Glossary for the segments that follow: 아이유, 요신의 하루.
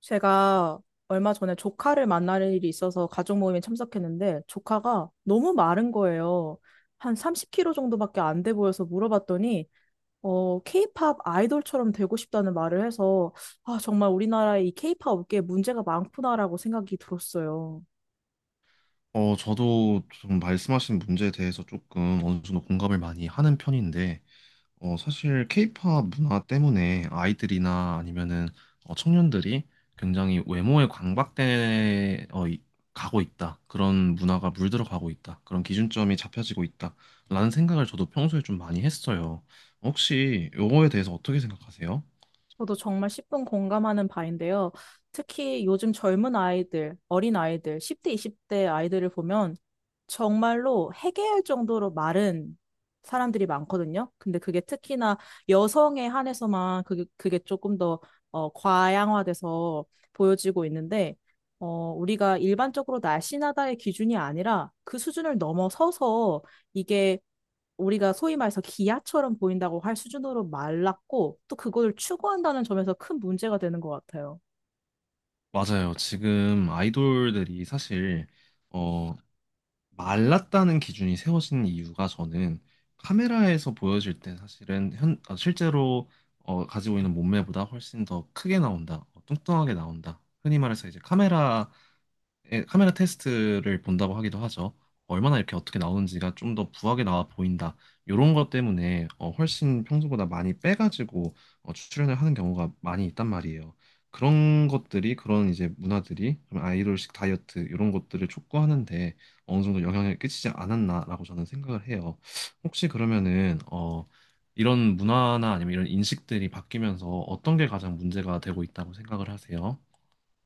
제가 얼마 전에 조카를 만날 일이 있어서 가족 모임에 참석했는데 조카가 너무 마른 거예요. 한 30kg 정도밖에 안 돼 보여서 물어봤더니 케이팝 아이돌처럼 되고 싶다는 말을 해서 정말 우리나라의 이 케이팝 업계에 문제가 많구나라고 생각이 들었어요. 저도 좀 말씀하신 문제에 대해서 조금 어느 정도 공감을 많이 하는 편인데, 사실 케이팝 문화 때문에 아이들이나 아니면은 청년들이 굉장히 외모에 광박돼 가고 있다. 그런 문화가 물들어 가고 있다. 그런 기준점이 잡혀지고 있다. 라는 생각을 저도 평소에 좀 많이 했어요. 혹시 요거에 대해서 어떻게 생각하세요? 저도 정말 10분 공감하는 바인데요. 특히 요즘 젊은 아이들, 어린 아이들, 10대, 20대 아이들을 보면 정말로 해괴할 정도로 마른 사람들이 많거든요. 근데 그게 특히나 여성에 한해서만 그게 조금 더 과양화돼서 보여지고 있는데, 우리가 일반적으로 날씬하다의 기준이 아니라 그 수준을 넘어서서 이게 우리가 소위 말해서 기아처럼 보인다고 할 수준으로 말랐고 또 그걸 추구한다는 점에서 큰 문제가 되는 것 같아요. 맞아요. 지금 아이돌들이 사실 말랐다는 기준이 세워진 이유가 저는 카메라에서 보여질 때 사실은 실제로 가지고 있는 몸매보다 훨씬 더 크게 나온다, 뚱뚱하게 나온다. 흔히 말해서 이제 카메라 예, 카메라 테스트를 본다고 하기도 하죠. 얼마나 이렇게 어떻게 나오는지가 좀 더 부하게 나와 보인다. 이런 것 때문에 훨씬 평소보다 많이 빼가지고 출연을 하는 경우가 많이 있단 말이에요. 그런 것들이 그런 이제 문화들이 좀 아이돌식 다이어트 이런 것들을 촉구하는데 어느 정도 영향을 끼치지 않았나라고 저는 생각을 해요. 혹시 그러면은 이런 문화나 아니면 이런 인식들이 바뀌면서 어떤 게 가장 문제가 되고 있다고 생각을 하세요?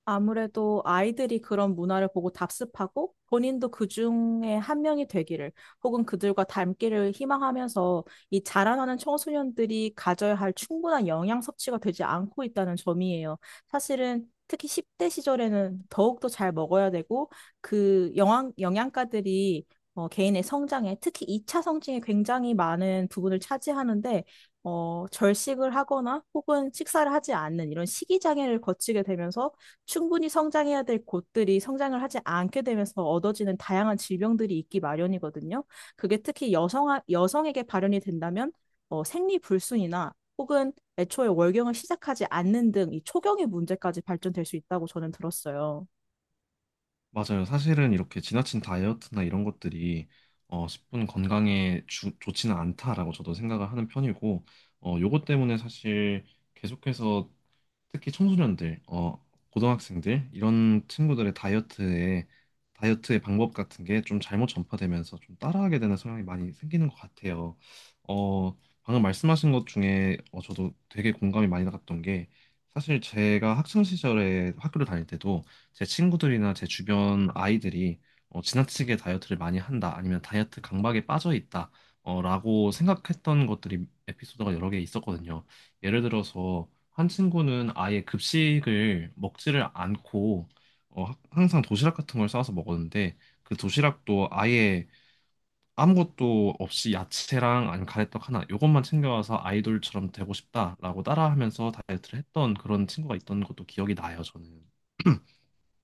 아무래도 아이들이 그런 문화를 보고 답습하고 본인도 그 중에 한 명이 되기를 혹은 그들과 닮기를 희망하면서 이 자라나는 청소년들이 가져야 할 충분한 영양 섭취가 되지 않고 있다는 점이에요. 사실은 특히 10대 시절에는 더욱더 잘 먹어야 되고 그 영양가들이 개인의 성장에 특히 2차 성징에 굉장히 많은 부분을 차지하는데 절식을 하거나 혹은 식사를 하지 않는 이런 식이장애를 거치게 되면서 충분히 성장해야 될 곳들이 성장을 하지 않게 되면서 얻어지는 다양한 질병들이 있기 마련이거든요. 그게 특히 여성에게 발현이 된다면 생리불순이나 혹은 애초에 월경을 시작하지 않는 등 이 초경의 문제까지 발전될 수 있다고 저는 들었어요. 맞아요. 사실은 이렇게 지나친 다이어트나 이런 것들이 10분 건강에 좋지는 않다라고 저도 생각을 하는 편이고, 요것 때문에 사실 계속해서 특히 청소년들, 고등학생들 이런 친구들의 다이어트에 다이어트의 방법 같은 게 좀 잘못 전파되면서 좀 따라하게 되는 성향이 많이 생기는 것 같아요. 어, 방금 말씀하신 것 중에 저도 되게 공감이 많이 나갔던 게 사실 제가 학창 시절에 학교를 다닐 때도 제 친구들이나 제 주변 아이들이 지나치게 다이어트를 많이 한다 아니면 다이어트 강박에 빠져 있다 라고 생각했던 것들이 에피소드가 여러 개 있었거든요. 예를 들어서 한 친구는 아예 급식을 먹지를 않고 항상 도시락 같은 걸 싸서 먹었는데 그 도시락도 아예 아무것도 없이 야채랑 아니면 가래떡 하나 요것만 챙겨와서 아이돌처럼 되고 싶다라고 따라하면서 다이어트를 했던 그런 친구가 있던 것도 기억이 나요, 저는.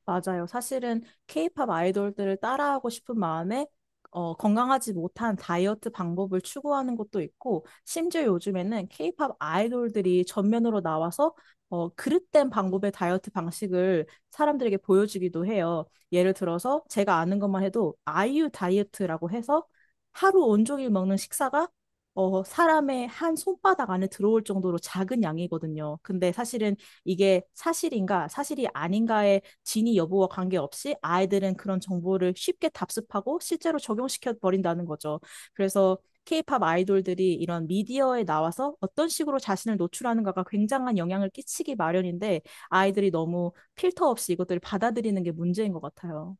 맞아요. 사실은 케이팝 아이돌들을 따라하고 싶은 마음에 건강하지 못한 다이어트 방법을 추구하는 것도 있고, 심지어 요즘에는 케이팝 아이돌들이 전면으로 나와서 그릇된 방법의 다이어트 방식을 사람들에게 보여주기도 해요. 예를 들어서 제가 아는 것만 해도 아이유 다이어트라고 해서 하루 온종일 먹는 식사가 사람의 한 손바닥 안에 들어올 정도로 작은 양이거든요. 근데 사실은 이게 사실인가, 사실이 아닌가에 진위 여부와 관계없이 아이들은 그런 정보를 쉽게 답습하고 실제로 적용시켜 버린다는 거죠. 그래서 케이팝 아이돌들이 이런 미디어에 나와서 어떤 식으로 자신을 노출하는가가 굉장한 영향을 끼치기 마련인데 아이들이 너무 필터 없이 이것들을 받아들이는 게 문제인 것 같아요.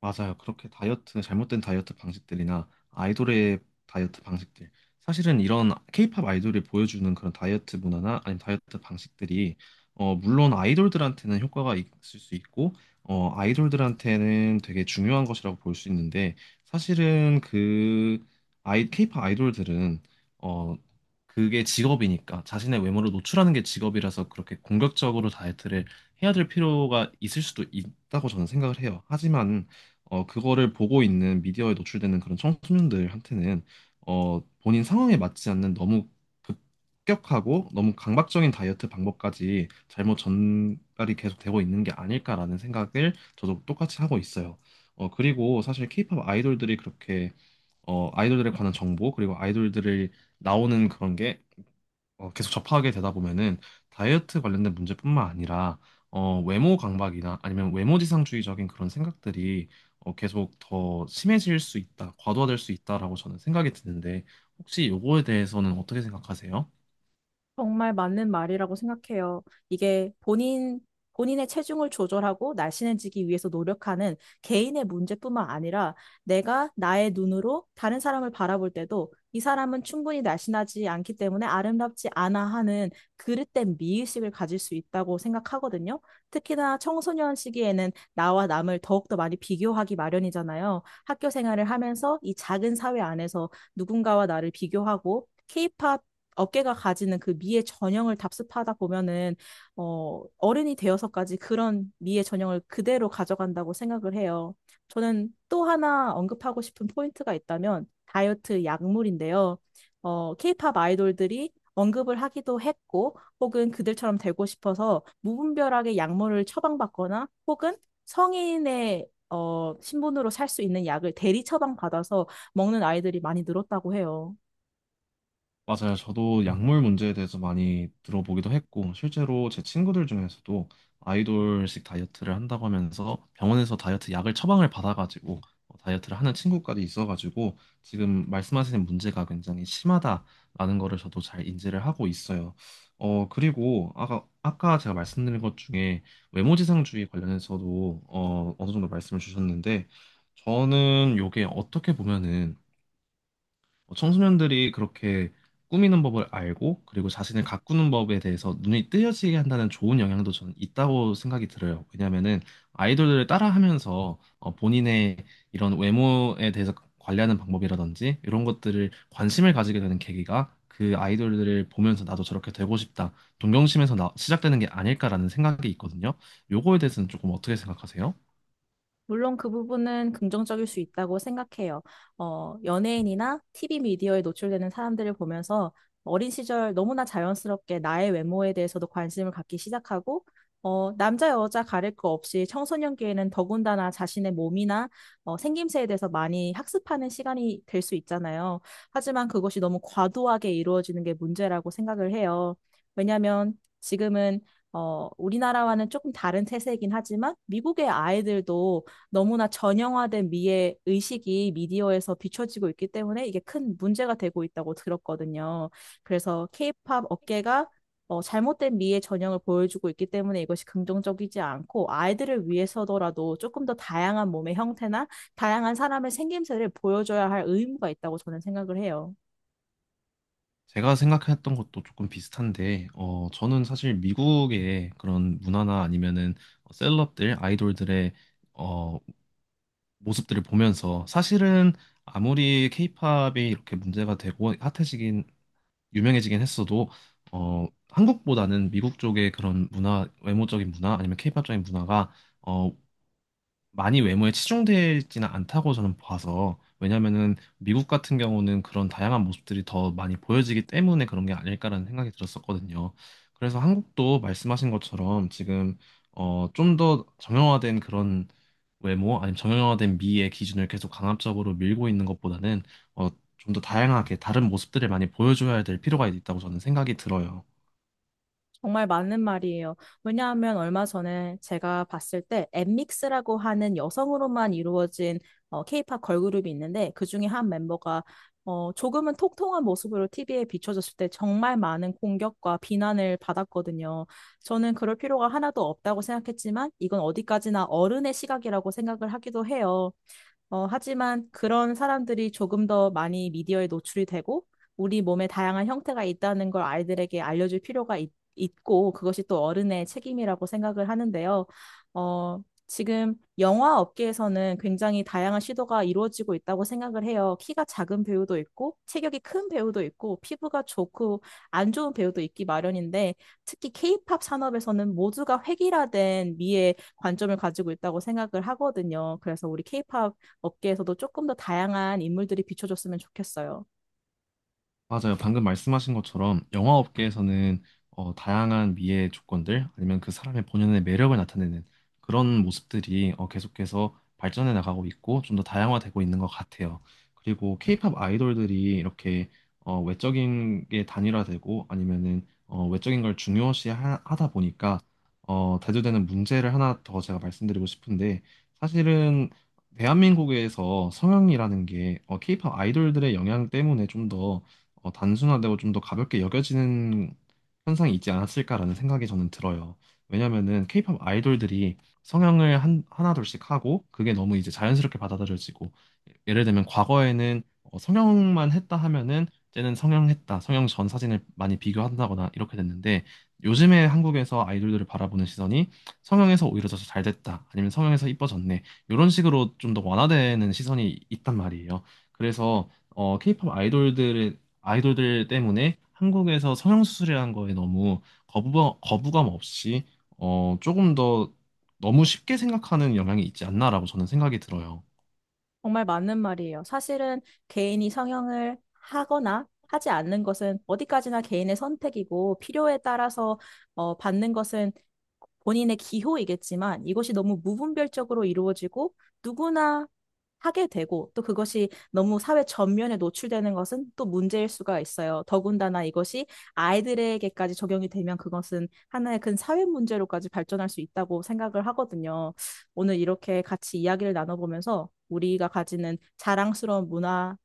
맞아요. 그렇게 다이어트, 잘못된 다이어트 방식들이나 아이돌의 다이어트 방식들. 사실은 이런 케이팝 아이돌이 보여주는 그런 다이어트 문화나 아니면 다이어트 방식들이, 물론 아이돌들한테는 효과가 있을 수 있고, 아이돌들한테는 되게 중요한 것이라고 볼 수 있는데, 사실은 케이팝 아이돌들은, 어, 그게 직업이니까, 자신의 외모를 노출하는 게 직업이라서 그렇게 공격적으로 다이어트를 해야 될 필요가 있을 수도 있다고 저는 생각을 해요. 하지만, 그거를 보고 있는 미디어에 노출되는 그런 청소년들한테는 본인 상황에 맞지 않는 너무 급격하고 너무 강박적인 다이어트 방법까지 잘못 전달이 계속 되고 있는 게 아닐까라는 생각을 저도 똑같이 하고 있어요. 그리고 사실 케이팝 아이돌들이 그렇게 아이돌들에 관한 정보 그리고 아이돌들을 나오는 그런 게 계속 접하게 되다 보면은 다이어트 관련된 문제뿐만 아니라 외모 강박이나 아니면 외모지상주의적인 그런 생각들이 계속 더 심해질 수 있다, 과도화될 수 있다라고 저는 생각이 드는데 혹시 요거에 대해서는 어떻게 생각하세요? 정말 맞는 말이라고 생각해요. 이게 본인, 본인의 체중을 조절하고 날씬해지기 위해서 노력하는 개인의 문제뿐만 아니라 내가 나의 눈으로 다른 사람을 바라볼 때도 이 사람은 충분히 날씬하지 않기 때문에 아름답지 않아 하는 그릇된 미의식을 가질 수 있다고 생각하거든요. 특히나 청소년 시기에는 나와 남을 더욱더 많이 비교하기 마련이잖아요. 학교 생활을 하면서 이 작은 사회 안에서 누군가와 나를 비교하고 케이팝 어깨가 가지는 그 미의 전형을 답습하다 보면은 어른이 되어서까지 그런 미의 전형을 그대로 가져간다고 생각을 해요. 저는 또 하나 언급하고 싶은 포인트가 있다면 다이어트 약물인데요. 케이팝 아이돌들이 언급을 하기도 했고 혹은 그들처럼 되고 싶어서 무분별하게 약물을 처방받거나 혹은 성인의 신분으로 살 수 있는 약을 대리 처방받아서 먹는 아이들이 많이 늘었다고 해요. 맞아요. 저도 약물 문제에 대해서 많이 들어보기도 했고, 실제로 제 친구들 중에서도 아이돌식 다이어트를 한다고 하면서 병원에서 다이어트 약을 처방을 받아가지고 다이어트를 하는 친구까지 있어가지고 지금 말씀하시는 문제가 굉장히 심하다라는 거를 저도 잘 인지를 하고 있어요. 그리고 아까 제가 말씀드린 것 중에 외모지상주의 관련해서도 어느 정도 말씀을 주셨는데, 저는 요게 어떻게 보면은 뭐 청소년들이 그렇게 꾸미는 법을 알고 그리고 자신을 가꾸는 법에 대해서 눈이 뜨여지게 한다는 좋은 영향도 저는 있다고 생각이 들어요. 왜냐하면은 아이돌들을 따라하면서 본인의 이런 외모에 대해서 관리하는 방법이라든지 이런 것들을 관심을 가지게 되는 계기가 그 아이돌들을 보면서 나도 저렇게 되고 싶다, 시작되는 게 아닐까라는 생각이 있거든요. 요거에 대해서는 조금 어떻게 생각하세요? 물론 그 부분은 긍정적일 수 있다고 생각해요. 연예인이나 TV 미디어에 노출되는 사람들을 보면서 어린 시절 너무나 자연스럽게 나의 외모에 대해서도 관심을 갖기 시작하고, 남자, 여자 가릴 거 없이 청소년기에는 더군다나 자신의 몸이나 생김새에 대해서 많이 학습하는 시간이 될 수 있잖아요. 하지만 그것이 너무 과도하게 이루어지는 게 문제라고 생각을 해요. 왜냐하면 지금은 우리나라와는 조금 다른 태세이긴 하지만 미국의 아이들도 너무나 전형화된 미의 의식이 미디어에서 비춰지고 있기 때문에 이게 큰 문제가 되고 있다고 들었거든요. 그래서 케이팝 업계가 잘못된 미의 전형을 보여주고 있기 때문에 이것이 긍정적이지 않고 아이들을 위해서더라도 조금 더 다양한 몸의 형태나 다양한 사람의 생김새를 보여줘야 할 의무가 있다고 저는 생각을 해요. 제가 생각했던 것도 조금 비슷한데, 저는 사실 미국의 그런 문화나 아니면은 셀럽들, 아이돌들의 어, 모습들을 보면서 사실은 아무리 케이팝이 이렇게 문제가 되고 유명해지긴 했어도, 한국보다는 미국 쪽의 그런 문화, 외모적인 문화 아니면 케이팝적인 문화가 어, 많이 외모에 치중되지는 않다고 저는 봐서 왜냐면은 미국 같은 경우는 그런 다양한 모습들이 더 많이 보여지기 때문에 그런 게 아닐까라는 생각이 들었었거든요. 그래서 한국도 말씀하신 것처럼 지금 좀 더 정형화된 그런 외모 아니면 정형화된 미의 기준을 계속 강압적으로 밀고 있는 것보다는 어, 좀 더 다양하게 다른 모습들을 많이 보여줘야 될 필요가 있다고 저는 생각이 들어요. 정말 맞는 말이에요. 왜냐하면 얼마 전에 제가 봤을 때 엠믹스라고 하는 여성으로만 이루어진 케이팝 걸그룹이 있는데 그중에 한 멤버가 조금은 통통한 모습으로 TV에 비춰졌을 때 정말 많은 공격과 비난을 받았거든요. 저는 그럴 필요가 하나도 없다고 생각했지만 이건 어디까지나 어른의 시각이라고 생각을 하기도 해요. 하지만 그런 사람들이 조금 더 많이 미디어에 노출이 되고 우리 몸에 다양한 형태가 있다는 걸 아이들에게 알려줄 필요가 있고 그것이 또 어른의 책임이라고 생각을 하는데요. 어, 지금 영화 업계에서는 굉장히 다양한 시도가 이루어지고 있다고 생각을 해요. 키가 작은 배우도 있고 체격이 큰 배우도 있고 피부가 좋고 안 좋은 배우도 있기 마련인데 특히 케이팝 산업에서는 모두가 획일화된 미의 관점을 가지고 있다고 생각을 하거든요. 그래서 우리 케이팝 업계에서도 조금 더 다양한 인물들이 비춰줬으면 좋겠어요. 맞아요. 방금 말씀하신 것처럼 영화업계에서는 다양한 미의 조건들 아니면 그 사람의 본연의 매력을 나타내는 그런 모습들이 계속해서 발전해 나가고 있고 좀 더 다양화되고 있는 것 같아요. 그리고 케이팝 아이돌들이 이렇게 외적인 게 단일화되고 아니면은 외적인 걸 중요시하다 보니까 대두되는 문제를 하나 더 제가 말씀드리고 싶은데 사실은 대한민국에서 성형이라는 게 케이팝 아이돌들의 영향 때문에 좀더 단순화되고 좀 더 가볍게 여겨지는 현상이 있지 않았을까라는 생각이 저는 들어요. 왜냐면은 케이팝 아이돌들이 하나둘씩 하고 그게 너무 이제 자연스럽게 받아들여지고 예를 들면 과거에는 성형만 했다 하면은 쟤는 성형했다, 성형 전 사진을 많이 비교한다거나 이렇게 됐는데 요즘에 한국에서 아이돌들을 바라보는 시선이 성형에서 오히려 더 잘 됐다, 아니면 성형에서 이뻐졌네 이런 식으로 좀 더 완화되는 시선이 있단 말이에요. 그래서 케이팝 아이돌들의 아이돌들 때문에 한국에서 성형수술이라는 거에 너무 거부감 없이 조금 더 너무 쉽게 생각하는 영향이 있지 않나라고 저는 생각이 들어요. 정말 맞는 말이에요. 사실은 개인이 성형을 하거나 하지 않는 것은 어디까지나 개인의 선택이고 필요에 따라서 받는 것은 본인의 기호이겠지만 이것이 너무 무분별적으로 이루어지고 누구나 하게 되고 또 그것이 너무 사회 전면에 노출되는 것은 또 문제일 수가 있어요. 더군다나 이것이 아이들에게까지 적용이 되면 그것은 하나의 큰 사회 문제로까지 발전할 수 있다고 생각을 하거든요. 오늘 이렇게 같이 이야기를 나눠보면서 우리가 가지는 자랑스러운 문화,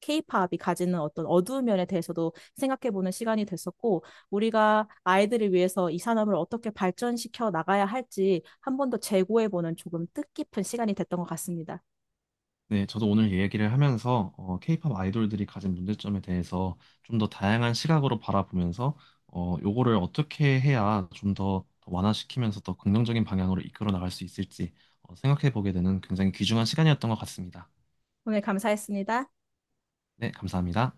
케이팝이 가지는 어떤 어두운 면에 대해서도 생각해보는 시간이 됐었고, 우리가 아이들을 위해서 이 산업을 어떻게 발전시켜 나가야 할지 한 번 더 재고해보는 조금 뜻깊은 시간이 됐던 것 같습니다. 네, 저도 오늘 얘기를 하면서 케이팝 아이돌들이 가진 문제점에 대해서 좀 더 다양한 시각으로 바라보면서 요거를 어떻게 해야 좀 더 완화시키면서 더 긍정적인 방향으로 이끌어 나갈 수 있을지 생각해 보게 되는 굉장히 귀중한 시간이었던 것 같습니다. 오늘 감사했습니다. 네, 감사합니다.